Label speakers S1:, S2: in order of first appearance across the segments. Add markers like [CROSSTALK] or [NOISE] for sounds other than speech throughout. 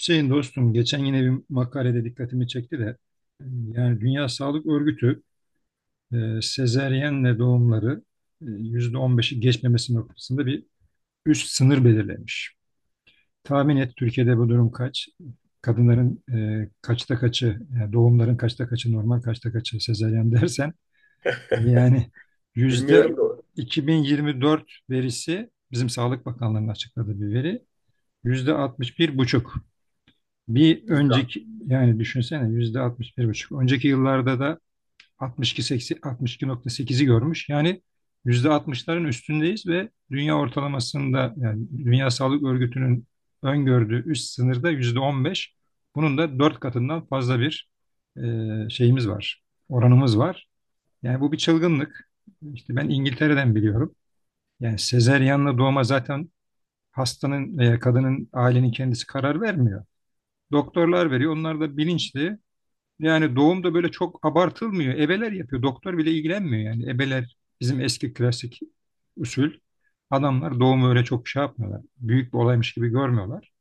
S1: Hüseyin dostum geçen yine bir makalede dikkatimi çekti de yani Dünya Sağlık Örgütü sezeryenle doğumları %15'i geçmemesi noktasında bir üst sınır belirlemiş. Tahmin et Türkiye'de bu durum kaç? Kadınların kaçta kaçı, yani doğumların kaçta kaçı normal, kaçta kaçı sezeryen [LAUGHS] dersen
S2: [LAUGHS]
S1: yani yüzde
S2: Bilmiyorum da.
S1: 2024 verisi bizim Sağlık Bakanlığı'nın açıkladığı bir veri %61,5. Bir
S2: Güzel.
S1: önceki yani düşünsene %61,5. Önceki yıllarda da 60, 62,80, 62,8 görmüş. Yani %60 üstündeyiz ve dünya ortalamasında yani Dünya Sağlık Örgütü'nün öngördüğü üst sınırda %15. Bunun da 4 katından fazla bir şeyimiz var. Oranımız var. Yani bu bir çılgınlık. İşte ben İngiltere'den biliyorum. Yani sezeryanla doğuma zaten hastanın veya kadının ailenin kendisi karar vermiyor. Doktorlar veriyor. Onlar da bilinçli. Yani doğum da böyle çok abartılmıyor. Ebeler yapıyor. Doktor bile ilgilenmiyor yani. Ebeler bizim eski klasik usul. Adamlar doğumu öyle çok şey yapmıyorlar. Büyük bir olaymış gibi görmüyorlar.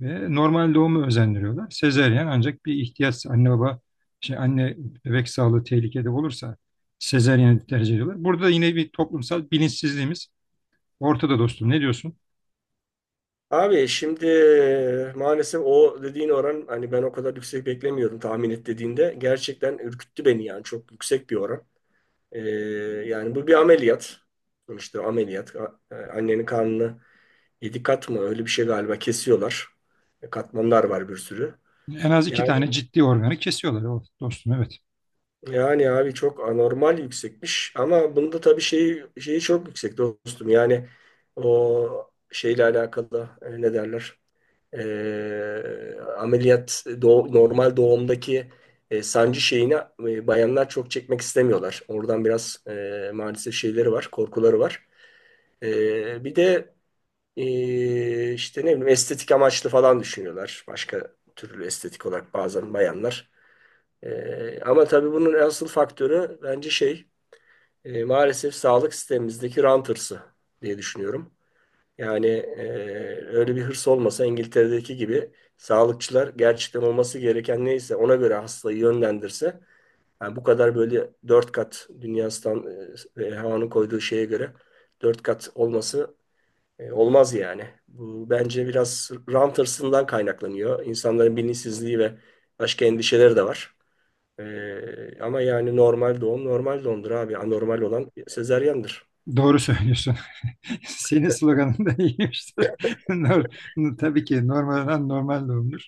S1: Ve normal doğumu özendiriyorlar. Sezeryen ancak bir ihtiyaç, anne baba anne bebek sağlığı tehlikede olursa sezeryeni tercih ediyorlar. Burada yine bir toplumsal bilinçsizliğimiz ortada dostum. Ne diyorsun?
S2: Abi şimdi maalesef o dediğin oran, hani ben o kadar yüksek beklemiyordum tahmin et dediğinde. Gerçekten ürküttü beni, yani çok yüksek bir oran. Ee, Yani bu bir ameliyat. İşte ameliyat. Annenin karnını yedi kat mı öyle bir şey galiba kesiyorlar. Katmanlar var bir sürü.
S1: En az iki tane
S2: Yani
S1: ciddi organı kesiyorlar. O dostum, evet.
S2: yani abi çok anormal yüksekmiş, ama bunda tabii şeyi çok yüksek dostum. Yani o şeyle alakalı, ne derler? Ameliyat normal doğumdaki sancı şeyini bayanlar çok çekmek istemiyorlar. Oradan biraz, maalesef şeyleri var, korkuları var. Bir de işte ne bileyim estetik amaçlı falan düşünüyorlar. Başka türlü estetik olarak bazen bayanlar. Ama tabii bunun asıl faktörü bence şey, maalesef sağlık sistemimizdeki rant hırsı diye düşünüyorum. Yani öyle bir hırs olmasa, İngiltere'deki gibi sağlıkçılar gerçekten olması gereken neyse ona göre hastayı yönlendirse, yani bu kadar böyle dört kat dünya stand, havanın koyduğu şeye göre dört kat olması olmaz yani. Bu bence biraz rant hırsından kaynaklanıyor. İnsanların bilinçsizliği ve başka endişeleri de var. Ama yani normal doğum normal doğumdur abi. Anormal olan sezaryandır.
S1: Doğru söylüyorsun. [LAUGHS] Senin sloganın da iyiymiştir. [LAUGHS] Nor- Tabii ki normal olan normal doğumdur.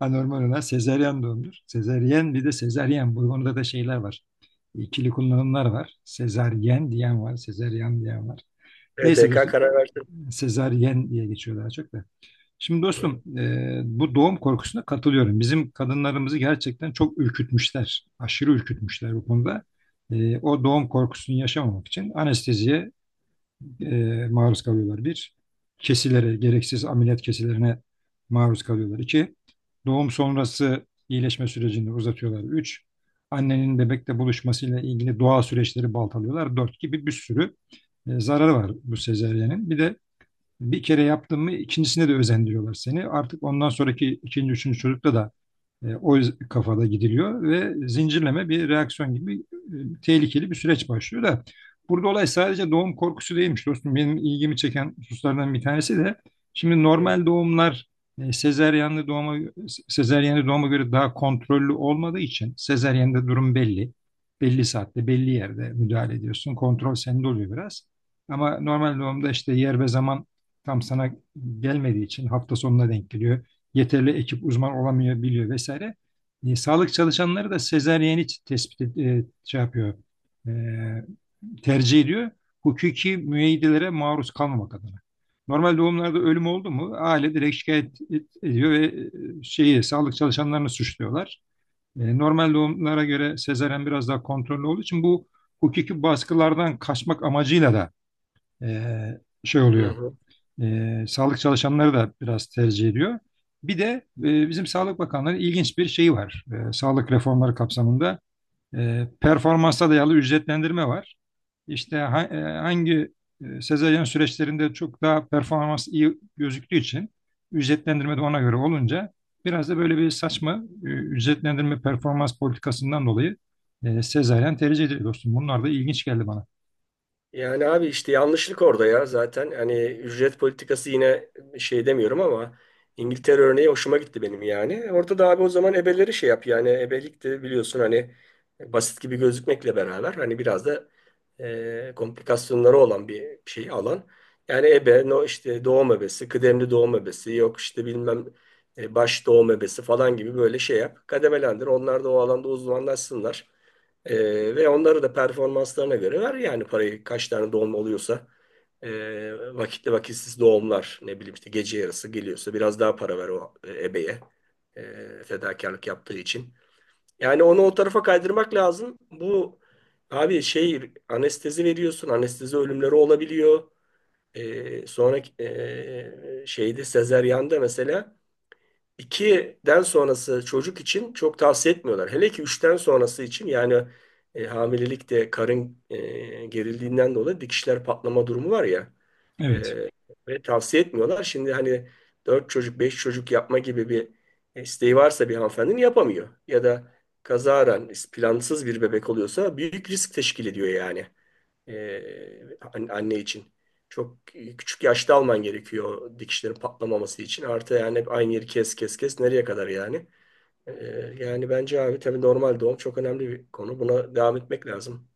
S1: Anormal olan sezeryan doğumdur. Sezaryen, bir de sezaryen. Bu konuda da şeyler var. İkili kullanımlar var. Sezaryen diyen var, sezaryen diyen var. Neyse
S2: EDK
S1: dostum.
S2: karar verdi.
S1: Sezaryen diye geçiyor daha çok da. Şimdi
S2: Hı
S1: dostum, bu doğum korkusuna katılıyorum. Bizim kadınlarımızı gerçekten çok ürkütmüşler. Aşırı ürkütmüşler bu konuda. O doğum korkusunu yaşamamak için anesteziye maruz kalıyorlar. Bir, kesilere, gereksiz ameliyat kesilerine maruz kalıyorlar. İki, doğum sonrası iyileşme sürecini uzatıyorlar. Üç, annenin bebekle buluşmasıyla ilgili doğal süreçleri baltalıyorlar. Dört, gibi bir sürü zararı var bu sezeryenin. Bir de bir kere yaptın mı ikincisine de özendiriyorlar seni. Artık ondan sonraki ikinci, üçüncü çocukta da o kafada gidiliyor ve zincirleme bir reaksiyon gibi tehlikeli bir süreç başlıyor da burada olay sadece doğum korkusu değilmiş dostum. Benim ilgimi çeken hususlardan bir tanesi de şimdi
S2: hı.
S1: normal doğumlar sezeryanlı doğuma sezeryanlı doğuma göre daha kontrollü olmadığı için sezeryanda durum belli. Belli saatte, belli yerde müdahale ediyorsun. Kontrol sende oluyor biraz. Ama normal doğumda işte yer ve zaman tam sana gelmediği için hafta sonuna denk geliyor. Yeterli ekip uzman olamıyor, biliyor vesaire. Sağlık çalışanları da sezaryeni şey yapıyor, e, tercih ediyor. Hukuki müeyyidelere maruz kalmamak adına. Normal doğumlarda ölüm oldu mu aile direkt ediyor ve e, şeyi sağlık çalışanlarını suçluyorlar. Normal doğumlara göre sezaryen biraz daha kontrollü olduğu için bu hukuki baskılardan kaçmak amacıyla da e, şey
S2: hı
S1: oluyor,
S2: hı.
S1: sağlık çalışanları da biraz tercih ediyor. Bir de bizim Sağlık Bakanlığı'nın ilginç bir şeyi var. Sağlık reformları kapsamında performansa dayalı ücretlendirme var. İşte hangi sezaryen süreçlerinde çok daha performans iyi gözüktüğü için ücretlendirme de ona göre olunca biraz da böyle bir saçma ücretlendirme performans politikasından dolayı sezaryen tercih ediliyor dostum. Bunlar da ilginç geldi bana.
S2: Yani abi işte yanlışlık orada ya zaten. Hani ücret politikası yine şey demiyorum ama İngiltere örneği hoşuma gitti benim yani. Orada da abi, o zaman ebeleri şey yap. Yani ebelik de biliyorsun, hani basit gibi gözükmekle beraber hani biraz da komplikasyonları olan bir şey alan. Yani ebe, no işte doğum ebesi, kıdemli doğum ebesi, yok işte bilmem baş doğum ebesi falan gibi böyle şey yap. Kademelendir. Onlar da o alanda uzmanlaşsınlar. Ve onları da performanslarına göre ver. Yani parayı, kaç tane doğum oluyorsa vakitli vakitsiz doğumlar, ne bileyim işte gece yarısı geliyorsa biraz daha para ver o ebeye, fedakarlık yaptığı için. Yani onu o tarafa kaydırmak lazım. Bu abi, şey, anestezi veriyorsun, anestezi ölümleri olabiliyor. Sonra şeyde, sezeryanda mesela 2'den sonrası çocuk için çok tavsiye etmiyorlar. Hele ki üçten sonrası için. Yani hamilelikte karın gerildiğinden dolayı dikişler patlama durumu var ya. E,
S1: Evet.
S2: Ve tavsiye etmiyorlar. Şimdi hani 4 çocuk, 5 çocuk yapma gibi bir isteği varsa bir hanımefendinin, yapamıyor. Ya da kazaran plansız bir bebek oluyorsa büyük risk teşkil ediyor yani. Anne için. Çok küçük yaşta alman gerekiyor, dikişlerin patlamaması için. Artı yani hep aynı yeri kes kes kes, nereye kadar yani. Ee, Yani bence abi tabii normal doğum çok önemli bir konu. Buna devam etmek lazım.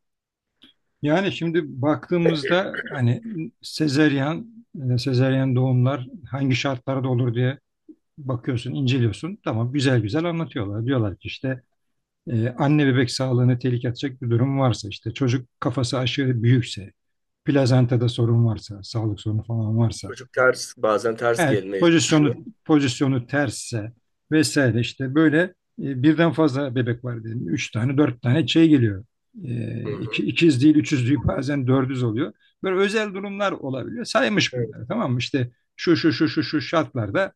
S1: Yani şimdi baktığımızda hani sezeryan, sezeryan doğumlar hangi şartlarda olur diye bakıyorsun, inceliyorsun. Tamam, güzel güzel anlatıyorlar. Diyorlar ki işte anne bebek sağlığını tehlikeye atacak bir durum varsa, işte çocuk kafası aşırı büyükse, plazantada sorun varsa, sağlık sorunu falan varsa,
S2: Çocuk ters, bazen ters
S1: evet,
S2: gelmeye çalışıyor.
S1: pozisyonu tersse vesaire, işte böyle birden fazla bebek var, dedim üç tane, dört tane şey geliyor.
S2: Hı hı.
S1: İkiz değil, üçüz değil, bazen dördüz oluyor. Böyle özel durumlar olabiliyor. Saymış
S2: Evet.
S1: bunları, tamam mı? İşte şu şu şu şu şu şartlarda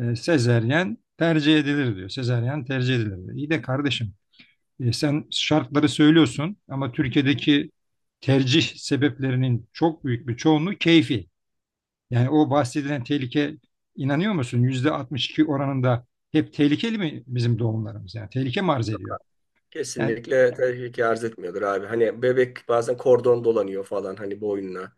S1: sezeryen tercih edilir diyor. Sezeryen tercih edilir diyor. İyi de kardeşim, sen şartları söylüyorsun ama Türkiye'deki tercih sebeplerinin çok büyük bir çoğunluğu keyfi. Yani o bahsedilen tehlike, inanıyor musun? Yüzde 62 oranında hep tehlikeli mi bizim doğumlarımız? Yani tehlike mi arz
S2: Çok
S1: ediyor?
S2: haklı.
S1: Yani,
S2: Kesinlikle tehlike arz etmiyordur abi. Hani bebek bazen kordon dolanıyor falan, hani boynuna.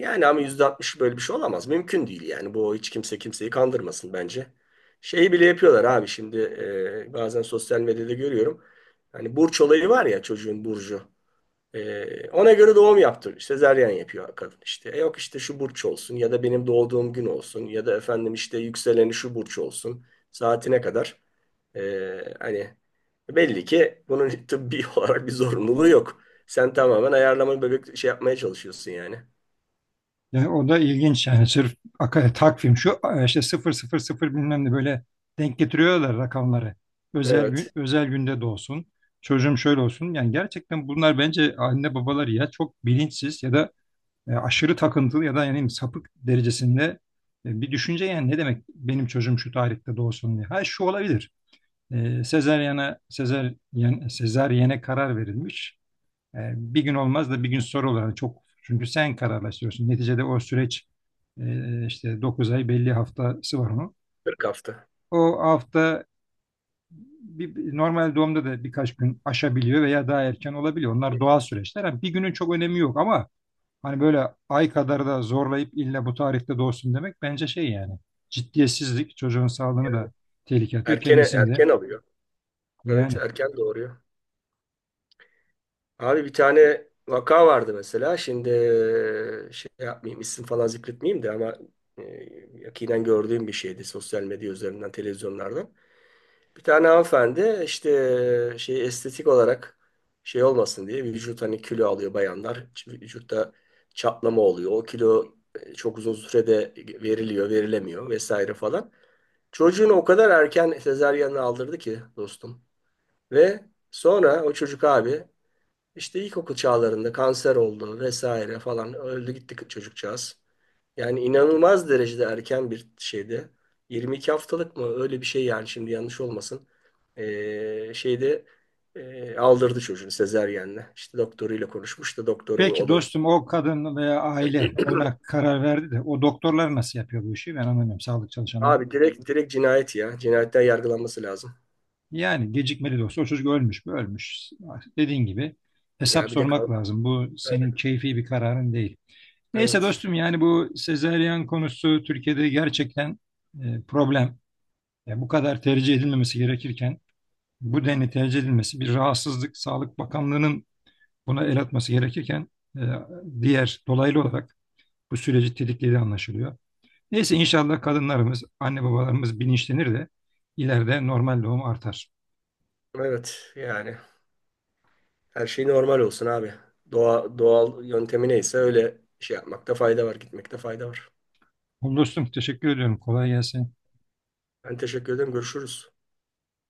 S2: Yani ama %60 böyle bir şey olamaz. Mümkün değil yani. Bu, hiç kimse kimseyi kandırmasın bence. Şeyi bile yapıyorlar abi şimdi, bazen sosyal medyada görüyorum. Hani burç olayı var ya, çocuğun burcu. Ona göre doğum yaptır. Sezaryen yapıyor kadın işte. Yok işte şu burç olsun, ya da benim doğduğum gün olsun, ya da efendim işte yükseleni şu burç olsun. Saatine kadar. Hani belli ki bunun tıbbi [LAUGHS] olarak bir zorunluluğu yok. Sen tamamen ayarlama bebek şey yapmaya çalışıyorsun yani.
S1: yani o da ilginç yani sırf takvim şu işte 000 bilmem ne böyle denk getiriyorlar rakamları. Özel
S2: Evet.
S1: gün, özel günde doğsun. Çocuğum şöyle olsun. Yani gerçekten bunlar bence anne babalar ya çok bilinçsiz ya da aşırı takıntılı ya da yani sapık derecesinde bir düşünce yani, ne demek benim çocuğum şu tarihte doğsun diye. Ha, şu olabilir. Sezeryene karar verilmiş. Bir gün olmaz da bir gün sonra olur. Yani çok, çünkü sen kararlaştırıyorsun. Neticede o süreç, işte 9 ay, belli haftası var onun.
S2: 40 hafta.
S1: O hafta normal doğumda da birkaç gün aşabiliyor veya daha erken olabiliyor.
S2: Hı
S1: Onlar doğal
S2: hı.
S1: süreçler. Yani bir günün çok önemi yok ama hani böyle ay kadar da zorlayıp illa bu tarihte doğsun demek, bence şey yani ciddiyetsizlik, çocuğun sağlığını
S2: Yani
S1: da tehlikeye atıyor,
S2: erken
S1: kendisini de
S2: erken alıyor. Evet,
S1: yani.
S2: erken doğuruyor. Abi bir tane vaka vardı mesela. Şimdi şey yapmayayım, isim falan zikretmeyeyim de ama e, yakinen gördüğüm bir şeydi, sosyal medya üzerinden, televizyonlardan. Bir tane hanımefendi işte şey, estetik olarak şey olmasın diye, vücut, hani kilo alıyor bayanlar. Vücutta çatlama oluyor. O kilo çok uzun sürede veriliyor, verilemiyor vesaire falan. Çocuğunu o kadar erken sezaryenle aldırdı ki dostum. Ve sonra o çocuk abi işte ilkokul çağlarında kanser oldu vesaire falan, öldü gitti çocukcağız. Yani inanılmaz derecede erken bir şeydi. 22 haftalık mı, öyle bir şey yani, şimdi yanlış olmasın. Şeyde aldırdı çocuğunu sezeryenle. İşte doktoruyla konuşmuş da doktoru o
S1: Peki
S2: o da
S1: dostum, o kadın veya aile buna karar verdi de o doktorlar nasıl yapıyor bu işi, ben anlamıyorum, sağlık çalışanları.
S2: abi direkt direkt cinayet ya. Cinayetten yargılanması lazım.
S1: Yani gecikmeli de olsa o çocuk ölmüş mü, ölmüş. Dediğin gibi
S2: Ya
S1: hesap
S2: bir de
S1: sormak lazım. Bu senin keyfi bir kararın değil. Neyse
S2: evet
S1: dostum, yani bu sezaryen konusu Türkiye'de gerçekten problem. Yani bu kadar tercih edilmemesi gerekirken bu denli tercih edilmesi bir rahatsızlık. Sağlık Bakanlığı'nın buna el atması gerekirken e, diğer dolaylı olarak bu süreci tetiklediği anlaşılıyor. Neyse inşallah kadınlarımız, anne babalarımız bilinçlenir de ileride normal doğum artar.
S2: evet, yani her şey normal olsun abi. Doğa, doğal yöntemi neyse öyle şey yapmakta fayda var, gitmekte fayda var.
S1: Oğlum dostum teşekkür ediyorum. Kolay gelsin.
S2: Ben teşekkür ederim. Görüşürüz.